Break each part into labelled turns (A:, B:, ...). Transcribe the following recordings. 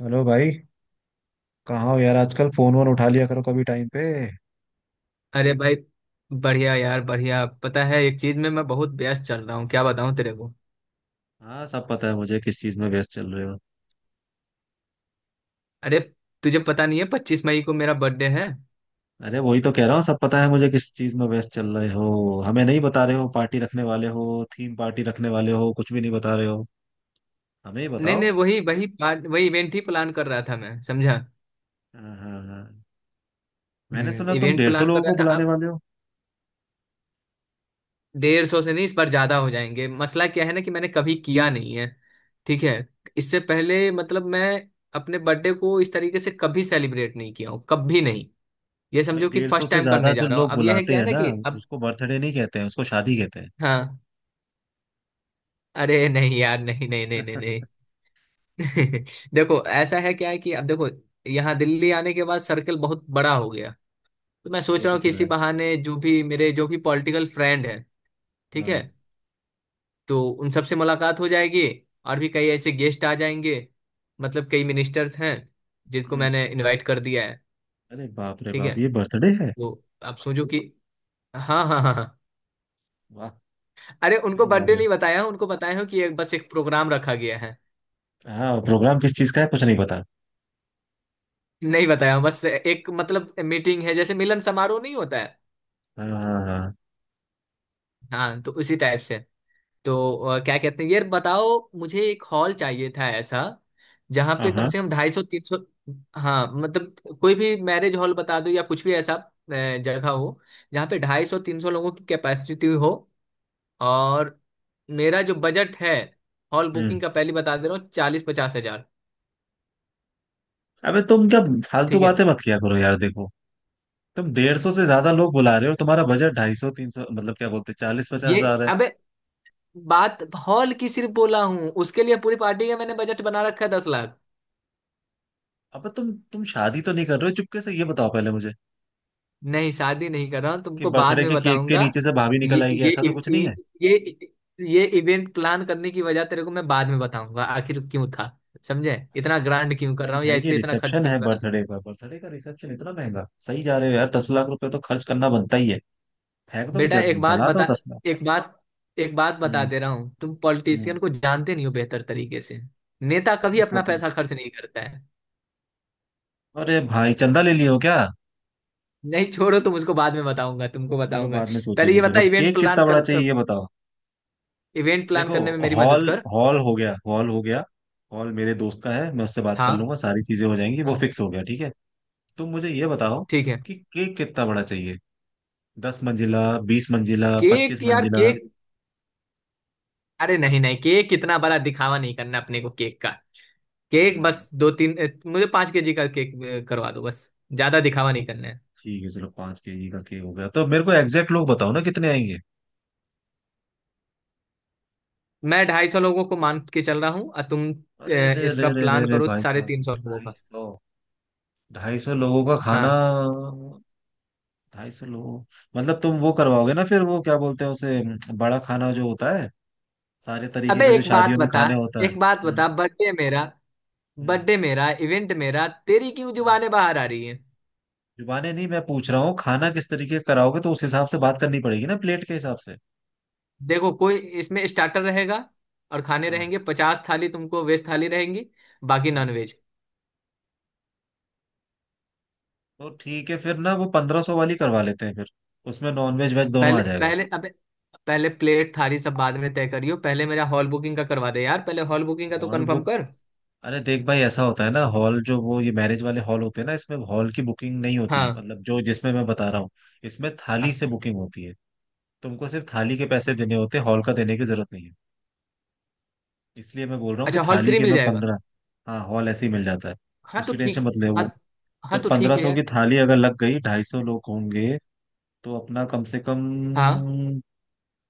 A: Hello भाई। कहाँ हो यार, आजकल फोन वोन उठा लिया करो कभी टाइम पे।
B: अरे भाई। बढ़िया यार, बढ़िया। पता है, एक चीज में मैं बहुत व्यस्त चल रहा हूँ, क्या बताऊँ तेरे को।
A: हाँ, सब पता है मुझे किस चीज में व्यस्त चल रहे हो।
B: अरे, तुझे पता नहीं है, 25 मई को मेरा बर्थडे है।
A: अरे वही तो कह रहा हूँ, सब पता है मुझे किस चीज में व्यस्त चल रहे हो, हमें नहीं बता रहे हो। पार्टी रखने वाले हो, थीम पार्टी रखने वाले हो, कुछ भी नहीं बता रहे हो। हमें ही
B: नहीं
A: बताओ।
B: नहीं, वही वही प्लान, वही इवेंट ही प्लान कर रहा था, मैं समझा।
A: हाँ हाँ हाँ, मैंने
B: हम्म,
A: सुना तुम
B: इवेंट
A: 150
B: प्लान कर
A: लोगों
B: रहा
A: को
B: था
A: बुलाने
B: अब।
A: वाले हो।
B: 150 से नहीं, इस बार ज्यादा हो जाएंगे। मसला क्या है ना, कि मैंने कभी किया नहीं है। ठीक है। इससे पहले, मतलब मैं अपने बर्थडे को इस तरीके से कभी सेलिब्रेट नहीं किया हूँ, कभी नहीं। ये
A: भाई,
B: समझो कि
A: 150
B: फर्स्ट
A: से
B: टाइम
A: ज्यादा
B: करने
A: जो
B: जा रहा हूँ।
A: लोग
B: अब यह है,
A: बुलाते
B: क्या है
A: हैं
B: ना,
A: ना,
B: कि अब।
A: उसको बर्थडे नहीं कहते हैं, उसको शादी कहते हैं।
B: हाँ, अरे नहीं यार, नहीं नहीं नहीं नहीं नहीं। देखो ऐसा है, क्या है कि अब देखो, यहाँ दिल्ली आने के बाद सर्कल बहुत बड़ा हो गया। तो मैं सोच
A: वो
B: रहा
A: दिख
B: हूँ कि
A: रहा
B: इसी
A: है।
B: बहाने जो भी पॉलिटिकल फ्रेंड है, ठीक
A: हाँ।
B: है, तो उन सब से मुलाकात हो जाएगी, और भी कई ऐसे गेस्ट आ जाएंगे। मतलब कई मिनिस्टर्स हैं जिसको
A: हम्म
B: मैंने इनवाइट कर दिया है।
A: अरे बाप रे
B: ठीक है,
A: बाप, ये बर्थडे है।
B: तो आप सोचो कि, हाँ हाँ हाँ हाँ।
A: वाह।
B: अरे, उनको
A: सही
B: बर्थडे
A: यार।
B: नहीं बताया हूँ, उनको बताया हूँ कि एक बस एक प्रोग्राम रखा गया है।
A: हाँ, प्रोग्राम किस चीज का है कुछ नहीं पता।
B: नहीं बताया हूँ, बस एक मतलब मीटिंग है, जैसे मिलन समारोह नहीं होता है,
A: हाँ हाँ हाँ
B: हाँ, तो उसी टाइप से। तो क्या कहते हैं यार बताओ, मुझे एक हॉल चाहिए था ऐसा, जहाँ
A: हाँ
B: पे कम
A: हाँ।
B: से कम 250 300, हाँ मतलब कोई भी मैरिज हॉल बता दो या कुछ भी ऐसा जगह हो, जहाँ पे 250 300 लोगों की कैपेसिटी हो। और मेरा जो बजट है, हॉल
A: हम्म
B: बुकिंग का पहले बता दे रहा हूँ, 40-50 हजार।
A: अबे तुम क्या फालतू
B: ठीक है।
A: बातें मत किया करो यार, देखो। तुम डेढ़ सौ से ज्यादा लोग बुला रहे हो, तुम्हारा बजट ढाई सौ तीन सौ मतलब क्या बोलते, चालीस पचास
B: ये
A: हजार है।
B: अबे, बात हॉल की सिर्फ बोला हूँ, उसके लिए पूरी पार्टी का मैंने बजट बना रखा है 10 लाख।
A: अब तुम शादी तो नहीं कर रहे हो चुपके से, ये बताओ पहले मुझे,
B: नहीं शादी नहीं कर रहा हूँ,
A: कि
B: तुमको बाद
A: बर्थडे
B: में
A: के केक के
B: बताऊंगा।
A: नीचे से भाभी
B: ये
A: निकल आएगी,
B: ये
A: ऐसा तो कुछ नहीं
B: ये
A: है।
B: ये ये इवेंट प्लान करने की वजह तेरे को मैं बाद में बताऊंगा, आखिर क्यों था। समझे?
A: भाई
B: इतना
A: साहब,
B: ग्रांड क्यों कर रहा
A: event
B: हूँ, या
A: है
B: इस
A: कि
B: पे इतना खर्च
A: रिसेप्शन
B: क्यों
A: है,
B: कर रहा हूँ।
A: बर्थडे का? बर्थडे का रिसेप्शन इतना महंगा सही जा रहे हो यार, 10 लाख रुपए तो खर्च करना बनता ही है। फेंक दो
B: बेटा,
A: ज-
B: एक बात
A: जला
B: बता,
A: दो 10 लाख।
B: एक बात एक बात बता
A: हम्म।
B: दे रहा हूँ, तुम
A: हम्म।
B: पॉलिटिशियन को जानते नहीं हो बेहतर तरीके से। नेता कभी
A: अरे
B: अपना
A: सब,
B: पैसा खर्च नहीं करता है।
A: अरे भाई चंदा ले लियो क्या।
B: नहीं छोड़ो, तुम उसको बाद में बताऊंगा, तुमको
A: चलो
B: बताऊंगा।
A: बाद में
B: पहले
A: सोचेंगे,
B: ये बता,
A: चलो केक कितना बड़ा चाहिए ये बताओ।
B: इवेंट प्लान
A: देखो,
B: करने में मेरी मदद
A: हॉल
B: कर।
A: हॉल हो गया, हॉल हो गया। हॉल मेरे दोस्त का है, मैं उससे बात कर
B: हाँ,
A: लूंगा, सारी चीजें हो जाएंगी, वो
B: हाँ,
A: फिक्स हो गया, ठीक है। तुम मुझे ये बताओ
B: ठीक है।
A: कि केक कितना बड़ा चाहिए, दस मंजिला, बीस मंजिला, पच्चीस
B: केक यार
A: मंजिला?
B: केक, अरे नहीं नहीं, केक इतना बड़ा दिखावा नहीं करना अपने को, केक का, केक
A: हम्म।
B: बस दो तीन, मुझे 5 केजी का केक करवा दो बस, ज्यादा दिखावा नहीं करना है।
A: ठीक है चलो, 5 केजी का केक हो गया, तो मेरे को एग्जैक्ट लोग बताओ ना कितने आएंगे।
B: मैं 250 लोगों को मान के चल रहा हूँ, और तुम
A: अरे रे रे
B: इसका
A: रे रे
B: प्लान
A: रे
B: करो
A: भाई
B: साढ़े
A: साहब,
B: तीन सौ लोगों
A: ढाई
B: का।
A: सौ ढाई सौ लोगों का खाना।
B: हाँ,
A: 250 लोग मतलब तुम वो करवाओगे ना, फिर वो क्या बोलते हैं उसे, बड़ा खाना जो होता है, सारे तरीके
B: अबे
A: का जो
B: एक बात
A: शादियों में
B: बता,
A: खाने होता है। हम्म।
B: बर्थडे मेरा,
A: हम्म।
B: बर्थडे मेरा, इवेंट मेरा, तेरी क्यों
A: हम्म।
B: जुबानें बाहर आ रही है।
A: जुबानें नहीं, मैं पूछ रहा हूँ खाना किस तरीके का कराओगे, तो उस हिसाब से बात करनी पड़ेगी ना, प्लेट के हिसाब से।
B: देखो, कोई इसमें स्टार्टर रहेगा और खाने
A: हाँ,
B: रहेंगे, 50 थाली तुमको वेज थाली रहेंगी, बाकी
A: हाँ
B: नॉन वेज।
A: तो ठीक है फिर ना, वो 1500 वाली करवा लेते हैं फिर, उसमें नॉन वेज वेज दोनों आ
B: पहले
A: जाएगा।
B: पहले अबे, पहले प्लेट थाली सब बाद में तय करियो, पहले मेरा हॉल बुकिंग का करवा दे यार, पहले हॉल बुकिंग का तो
A: हॉल
B: कंफर्म
A: बुक।
B: कर।
A: अरे देख भाई, ऐसा होता है ना, हॉल जो वो ये मैरिज वाले हॉल होते हैं ना, इसमें हॉल की बुकिंग नहीं होती है,
B: हाँ,
A: मतलब जो जिसमें मैं बता रहा हूँ, इसमें थाली
B: हाँ।
A: से बुकिंग होती है। तुमको सिर्फ थाली के पैसे देने होते हैं, हॉल का देने की जरूरत नहीं है। इसलिए मैं बोल रहा हूँ कि
B: अच्छा, हॉल
A: थाली
B: फ्री
A: के
B: मिल
A: मैं
B: जाएगा,
A: पंद्रह। हाँ, हॉल ऐसे ही मिल जाता है,
B: हाँ तो
A: उसकी टेंशन
B: ठीक।
A: मत ले
B: हाँ,
A: वो। तो
B: हाँ तो ठीक
A: पंद्रह
B: है
A: सौ
B: यार।
A: की थाली अगर लग गई, 250 लोग होंगे, तो अपना कम से कम
B: हाँ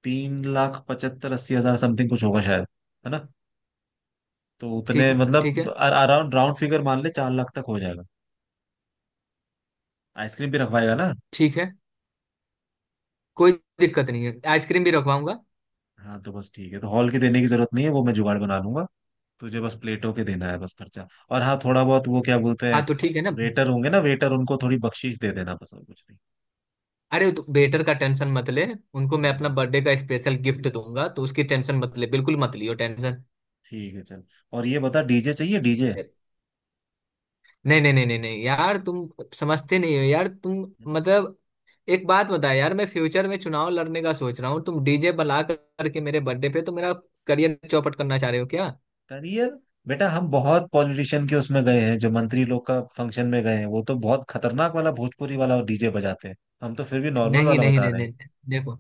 A: 3,75,80,000 समथिंग कुछ होगा शायद, है ना। तो
B: ठीक
A: उतने
B: है, ठीक
A: मतलब
B: है।
A: अराउंड राउंड फिगर मान ले, 4 लाख तक हो जाएगा। आइसक्रीम भी रखवाएगा ना।
B: ठीक है, कोई दिक्कत नहीं है, आइसक्रीम भी रखवाऊंगा।
A: हाँ तो बस ठीक है, तो हॉल की देने की जरूरत नहीं है, वो मैं जुगाड़ बना लूंगा। तुझे बस प्लेटों के देना है बस खर्चा, और हाँ थोड़ा बहुत वो क्या बोलते हैं,
B: हाँ तो ठीक है ना।
A: वेटर होंगे ना वेटर, उनको थोड़ी बख्शीश दे देना बस और कुछ नहीं।
B: अरे, तो वेटर का टेंशन मत ले, उनको मैं अपना
A: हम्म,
B: बर्थडे का स्पेशल गिफ्ट दूंगा, तो उसकी टेंशन मत ले, बिल्कुल मत लियो टेंशन।
A: ठीक है चल, और ये बता डीजे चाहिए डीजे?
B: नहीं नहीं नहीं नहीं नहीं यार, तुम समझते नहीं हो यार तुम, मतलब, एक बात बता यार, मैं फ्यूचर में चुनाव लड़ने का सोच रहा हूँ, तुम डीजे करके मेरे बर्थडे पे, तो मेरा करियर चौपट करना चाह रहे हो क्या?
A: करियर! बेटा हम बहुत पॉलिटिशियन के उसमें गए हैं, जो मंत्री लोग का फंक्शन में गए हैं, वो तो बहुत खतरनाक वाला भोजपुरी वाला डीजे बजाते हैं। हम तो फिर भी नॉर्मल
B: नहीं
A: वाला
B: नहीं
A: बता
B: नहीं
A: रहे हैं।
B: नहीं नहीं। देखो,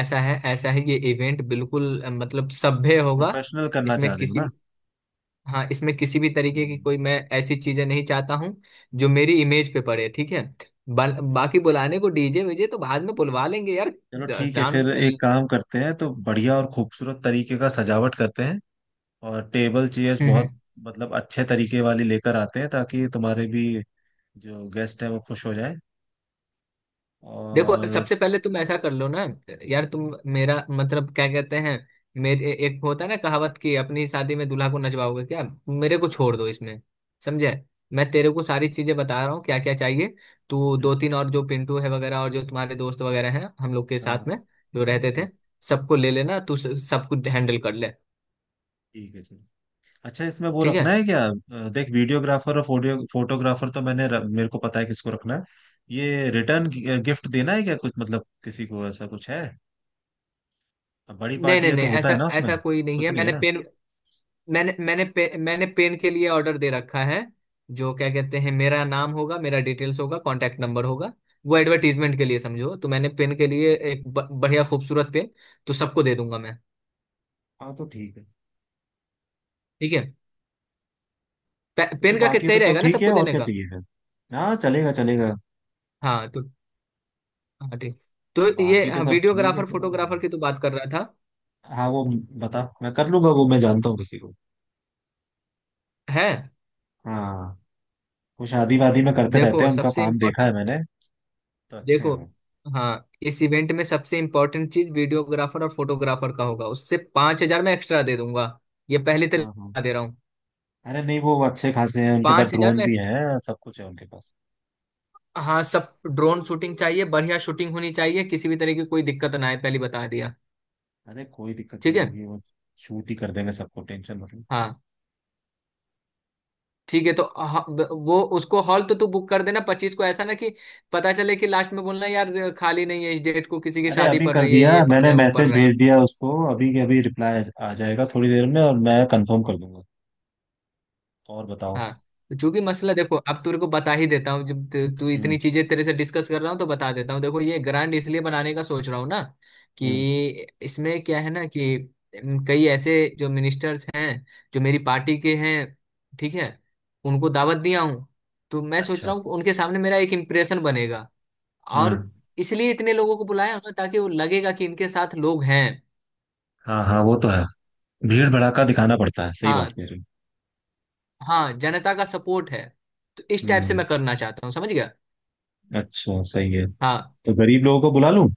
B: ऐसा है, ये इवेंट बिल्कुल मतलब सभ्य होगा।
A: प्रोफेशनल करना चाह
B: इसमें
A: रहे हो
B: किसी
A: ना।
B: भी- हाँ, इसमें किसी भी तरीके की
A: हम्म।
B: कोई, मैं ऐसी चीजें नहीं चाहता हूँ जो मेरी इमेज पे पड़े, ठीक है। बाकी बुलाने को डीजे वीजे तो बाद में बुलवा लेंगे यार।
A: चलो ठीक है फिर,
B: डांस।
A: एक काम करते हैं, तो बढ़िया और खूबसूरत तरीके का सजावट करते हैं, और टेबल चेयर्स
B: हम्म,
A: बहुत मतलब अच्छे तरीके वाली लेकर आते हैं, ताकि तुम्हारे भी जो गेस्ट हैं वो खुश हो जाए।
B: देखो,
A: और
B: सबसे पहले तुम ऐसा कर लो ना, यार तुम, मेरा मतलब क्या कहते हैं, मेरे एक होता है ना, कहावत की, अपनी शादी में दूल्हा को नचवाओगे क्या? मेरे को
A: हाँ
B: छोड़ दो इसमें, समझे। मैं तेरे को सारी चीजें बता रहा हूँ क्या क्या चाहिए। तू दो तीन, और जो पिंटू है वगैरह, और जो तुम्हारे दोस्त वगैरह हैं हम लोग के
A: हाँ
B: साथ में
A: हाँ,
B: जो रहते थे,
A: हाँ,
B: सबको ले लेना तू, सबको हैंडल कर ले।
A: ठीक है ठीक। अच्छा इसमें वो
B: ठीक है।
A: रखना है क्या, देख वीडियोग्राफर और फोटोग्राफर तो मेरे को पता है किसको रखना है। ये रिटर्न गिफ्ट देना है क्या कुछ, मतलब किसी को ऐसा कुछ है? अब बड़ी
B: नहीं
A: पार्टी
B: नहीं
A: है
B: नहीं,
A: तो होता
B: ऐसा,
A: है ना उसमें।
B: ऐसा कोई नहीं
A: कुछ
B: है।
A: नहीं है
B: मैंने
A: ना।
B: पेन मैंने मैंने पे, मैंने पेन के लिए ऑर्डर दे रखा है, जो क्या कहते हैं, मेरा नाम होगा, मेरा डिटेल्स होगा, कांटेक्ट नंबर होगा, वो एडवर्टीजमेंट के लिए समझो, तो मैंने पेन के लिए
A: अच्छा,
B: एक बढ़िया खूबसूरत पेन, तो सबको दे दूंगा मैं।
A: हाँ तो ठीक है।
B: ठीक है।
A: तो फिर
B: पेन का किस
A: बाकी तो
B: सही
A: सब
B: रहेगा ना
A: ठीक है,
B: सबको
A: और
B: देने
A: क्या
B: का।
A: चाहिए फिर, हाँ चलेगा चलेगा।
B: हाँ तो, हाँ ठीक, तो ये,
A: बाकी तो
B: हाँ,
A: सब ठीक है,
B: वीडियोग्राफर
A: चलो।
B: फोटोग्राफर की तो बात कर रहा था।
A: हाँ, वो बता, मैं कर लूंगा वो, मैं जानता हूँ किसी को।
B: है।
A: हाँ, वो शादी वादी में करते रहते
B: देखो
A: हैं, उनका
B: सबसे
A: काम
B: इम्पोर्ट
A: देखा है मैंने, तो अच्छे हैं
B: देखो,
A: वो।
B: हाँ, इस इवेंट में सबसे इम्पोर्टेंट चीज वीडियोग्राफर और फोटोग्राफर का होगा, उससे 5,000 में एक्स्ट्रा दे दूंगा, ये पहले तो
A: हाँ हाँ।
B: दे रहा हूँ,
A: अरे नहीं वो अच्छे खासे हैं, उनके पास
B: 5,000
A: ड्रोन
B: में।
A: भी है, सब कुछ है उनके पास।
B: हाँ, सब ड्रोन शूटिंग चाहिए, बढ़िया शूटिंग होनी चाहिए, किसी भी तरह की कोई दिक्कत ना आए, पहले बता दिया।
A: अरे कोई दिक्कत
B: ठीक
A: नहीं
B: है।
A: होगी, वो शूट ही कर देंगे सबको, टेंशन मत लो।
B: हाँ ठीक है, वो उसको हॉल तो तू बुक कर देना 25 को, ऐसा ना कि पता चले कि लास्ट में बोलना यार खाली नहीं है इस डेट को, किसी की
A: अरे
B: शादी
A: अभी
B: पड़
A: कर
B: रही है,
A: दिया
B: ये पड़
A: मैंने,
B: रहा है, वो पड़
A: मैसेज
B: रहा है।
A: भेज दिया उसको अभी के अभी, रिप्लाई आ आ जाएगा थोड़ी देर में, और मैं कंफर्म कर दूंगा। और बताओ।
B: हाँ, तो चूंकि मसला देखो, अब तेरे को बता ही देता हूँ, जब तू तू इतनी
A: हम्म।
B: चीजें तेरे से डिस्कस कर रहा हूँ तो बता देता हूँ, देखो, ये ग्रांड इसलिए बनाने का सोच रहा हूँ ना,
A: हम्म।
B: कि इसमें क्या है ना कि कई ऐसे जो मिनिस्टर्स हैं जो मेरी पार्टी के हैं, ठीक है, उनको दावत दिया हूँ। तो मैं सोच
A: अच्छा।
B: रहा हूँ कि उनके सामने मेरा एक इम्प्रेशन बनेगा, और
A: हम्म।
B: इसलिए इतने लोगों को बुलाया हूं ना, ताकि वो लगेगा कि इनके साथ लोग हैं।
A: हाँ हाँ, वो तो है, भीड़ भड़ाका दिखाना पड़ता है, सही बात
B: हाँ
A: कह रहे हो।
B: हाँ, जनता का सपोर्ट है, तो इस टाइप से
A: हम्म।
B: मैं करना चाहता हूँ, समझ गया।
A: अच्छा सही है।
B: हाँ,
A: तो गरीब लोगों को बुला लूं?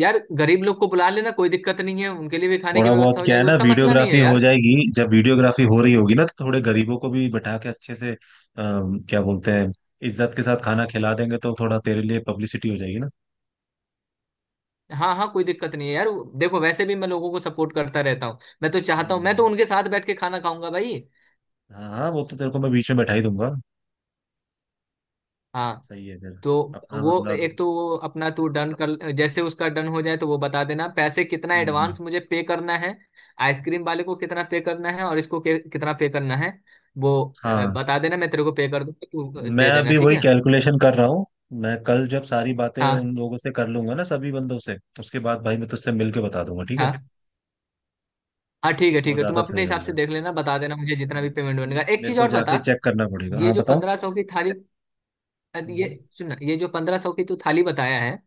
B: यार गरीब लोग को बुला लेना, कोई दिक्कत नहीं है, उनके लिए भी खाने की
A: थोड़ा बहुत
B: व्यवस्था हो
A: क्या है
B: जाएगी,
A: ना,
B: उसका मसला नहीं है
A: वीडियोग्राफी हो
B: यार।
A: जाएगी, जब वीडियोग्राफी हो रही होगी ना, तो थोड़े गरीबों को भी बैठा के अच्छे से, क्या बोलते हैं, इज्जत के साथ खाना खिला देंगे, तो थोड़ा तेरे लिए पब्लिसिटी हो जाएगी ना।
B: हाँ हाँ, कोई दिक्कत नहीं है यार, देखो वैसे भी मैं लोगों को सपोर्ट करता रहता हूँ, मैं तो चाहता हूँ, मैं
A: हम्म।
B: तो उनके साथ बैठ के खाना खाऊंगा भाई।
A: हाँ हाँ, वो तो तेरे को मैं बीच में बैठा ही दूंगा।
B: हाँ,
A: सही है फिर।
B: तो
A: अपना
B: वो
A: मतलब।
B: एक, तो वो अपना तू डन कर, जैसे उसका डन हो जाए तो वो बता देना पैसे कितना
A: हम्म।
B: एडवांस मुझे पे करना है, आइसक्रीम वाले को कितना पे करना है, और इसको कितना पे करना है, वो
A: हाँ,
B: बता देना, मैं तेरे को पे कर दूंगा, तू
A: मैं
B: दे देना,
A: अभी
B: ठीक
A: वही
B: है।
A: कैलकुलेशन कर रहा हूँ। मैं कल जब सारी बातें
B: हाँ,
A: उन लोगों से कर लूंगा ना, सभी बंदों से, उसके बाद भाई मैं तुझसे मिल के बता दूंगा, ठीक है।
B: हाँ हाँ ठीक है,
A: वो
B: ठीक है, तुम
A: ज्यादा सही
B: अपने हिसाब से
A: रहेगा।
B: देख लेना, बता देना मुझे जितना
A: हाँ
B: भी पेमेंट
A: क्योंकि
B: बनेगा। एक
A: मेरे
B: चीज
A: को
B: और बता,
A: जाके चेक करना पड़ेगा।
B: ये
A: हाँ
B: जो
A: बताओ।
B: 1,500 की थाली, ये,
A: हम्म।
B: सुन ना, ये जो पंद्रह सौ की तू थाली बताया है,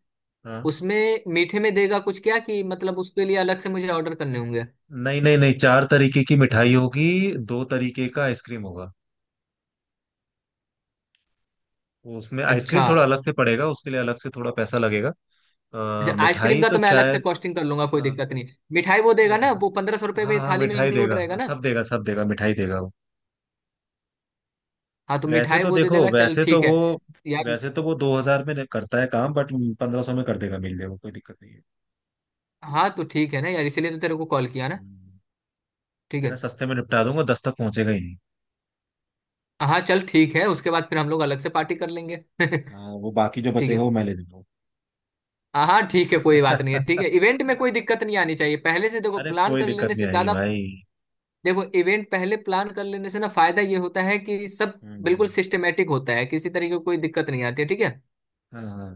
A: हाँ।
B: उसमें मीठे में देगा कुछ क्या, कि मतलब उसके लिए अलग से मुझे ऑर्डर करने होंगे।
A: नहीं नहीं नहीं, चार तरीके की मिठाई होगी, दो तरीके का आइसक्रीम होगा। वो उसमें आइसक्रीम
B: अच्छा।
A: थोड़ा अलग से पड़ेगा, उसके लिए अलग से थोड़ा पैसा लगेगा।
B: अच्छा, आइसक्रीम
A: मिठाई
B: का
A: तो
B: तो मैं अलग से
A: शायद।
B: कॉस्टिंग कर लूंगा, कोई
A: हाँ,
B: दिक्कत नहीं। मिठाई वो देगा ना, वो
A: मिठाई।
B: 1,500 रुपये
A: हाँ
B: में
A: हाँ
B: थाली में
A: मिठाई
B: इंक्लूड
A: देगा,
B: रहेगा ना।
A: सब देगा, सब देगा, मिठाई देगा वो।
B: हाँ, तो
A: वैसे
B: मिठाई
A: तो
B: वो दे
A: देखो
B: देगा, चल
A: वैसे तो
B: ठीक
A: वो
B: है यार।
A: वैसे तो वो 2000 में नहीं करता है काम, बट 1500 में कर देगा, मिल जाएगा, कोई दिक्कत नहीं है।
B: हाँ, तो ठीक है ना यार, इसीलिए तो तेरे को कॉल किया ना।
A: हम्म,
B: ठीक
A: तेरा
B: है।
A: सस्ते में निपटा दूंगा, दस तक पहुंचेगा ही नहीं।
B: हाँ चल ठीक है, उसके बाद फिर हम लोग अलग से पार्टी कर लेंगे।
A: हाँ वो बाकी जो
B: ठीक
A: बचेगा
B: है।
A: वो मैं ले लूंगा।
B: हाँ हाँ ठीक है, कोई बात नहीं है, ठीक है, इवेंट में कोई दिक्कत नहीं आनी चाहिए, पहले से देखो
A: अरे
B: प्लान
A: कोई
B: कर
A: दिक्कत
B: लेने
A: नहीं
B: से
A: आएगी
B: ज्यादा।
A: भाई।
B: देखो, इवेंट पहले प्लान कर लेने से ना फायदा ये होता है कि सब
A: हम्म।
B: बिल्कुल सिस्टमेटिक होता है, किसी तरीके की कोई दिक्कत नहीं आती है, ठीक है।
A: हाँ हाँ।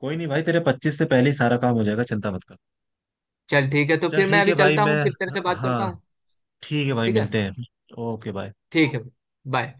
A: कोई नहीं भाई, तेरे 25 से पहले ही सारा काम हो जाएगा, चिंता मत कर।
B: चल ठीक है, तो
A: चल
B: फिर मैं
A: ठीक
B: अभी
A: है भाई,
B: चलता
A: मैं,
B: हूँ, फिर तेरे से बात
A: हाँ,
B: करता हूँ।
A: ठीक है भाई,
B: ठीक है।
A: मिलते हैं। Okay bye.
B: ठीक है, बाय।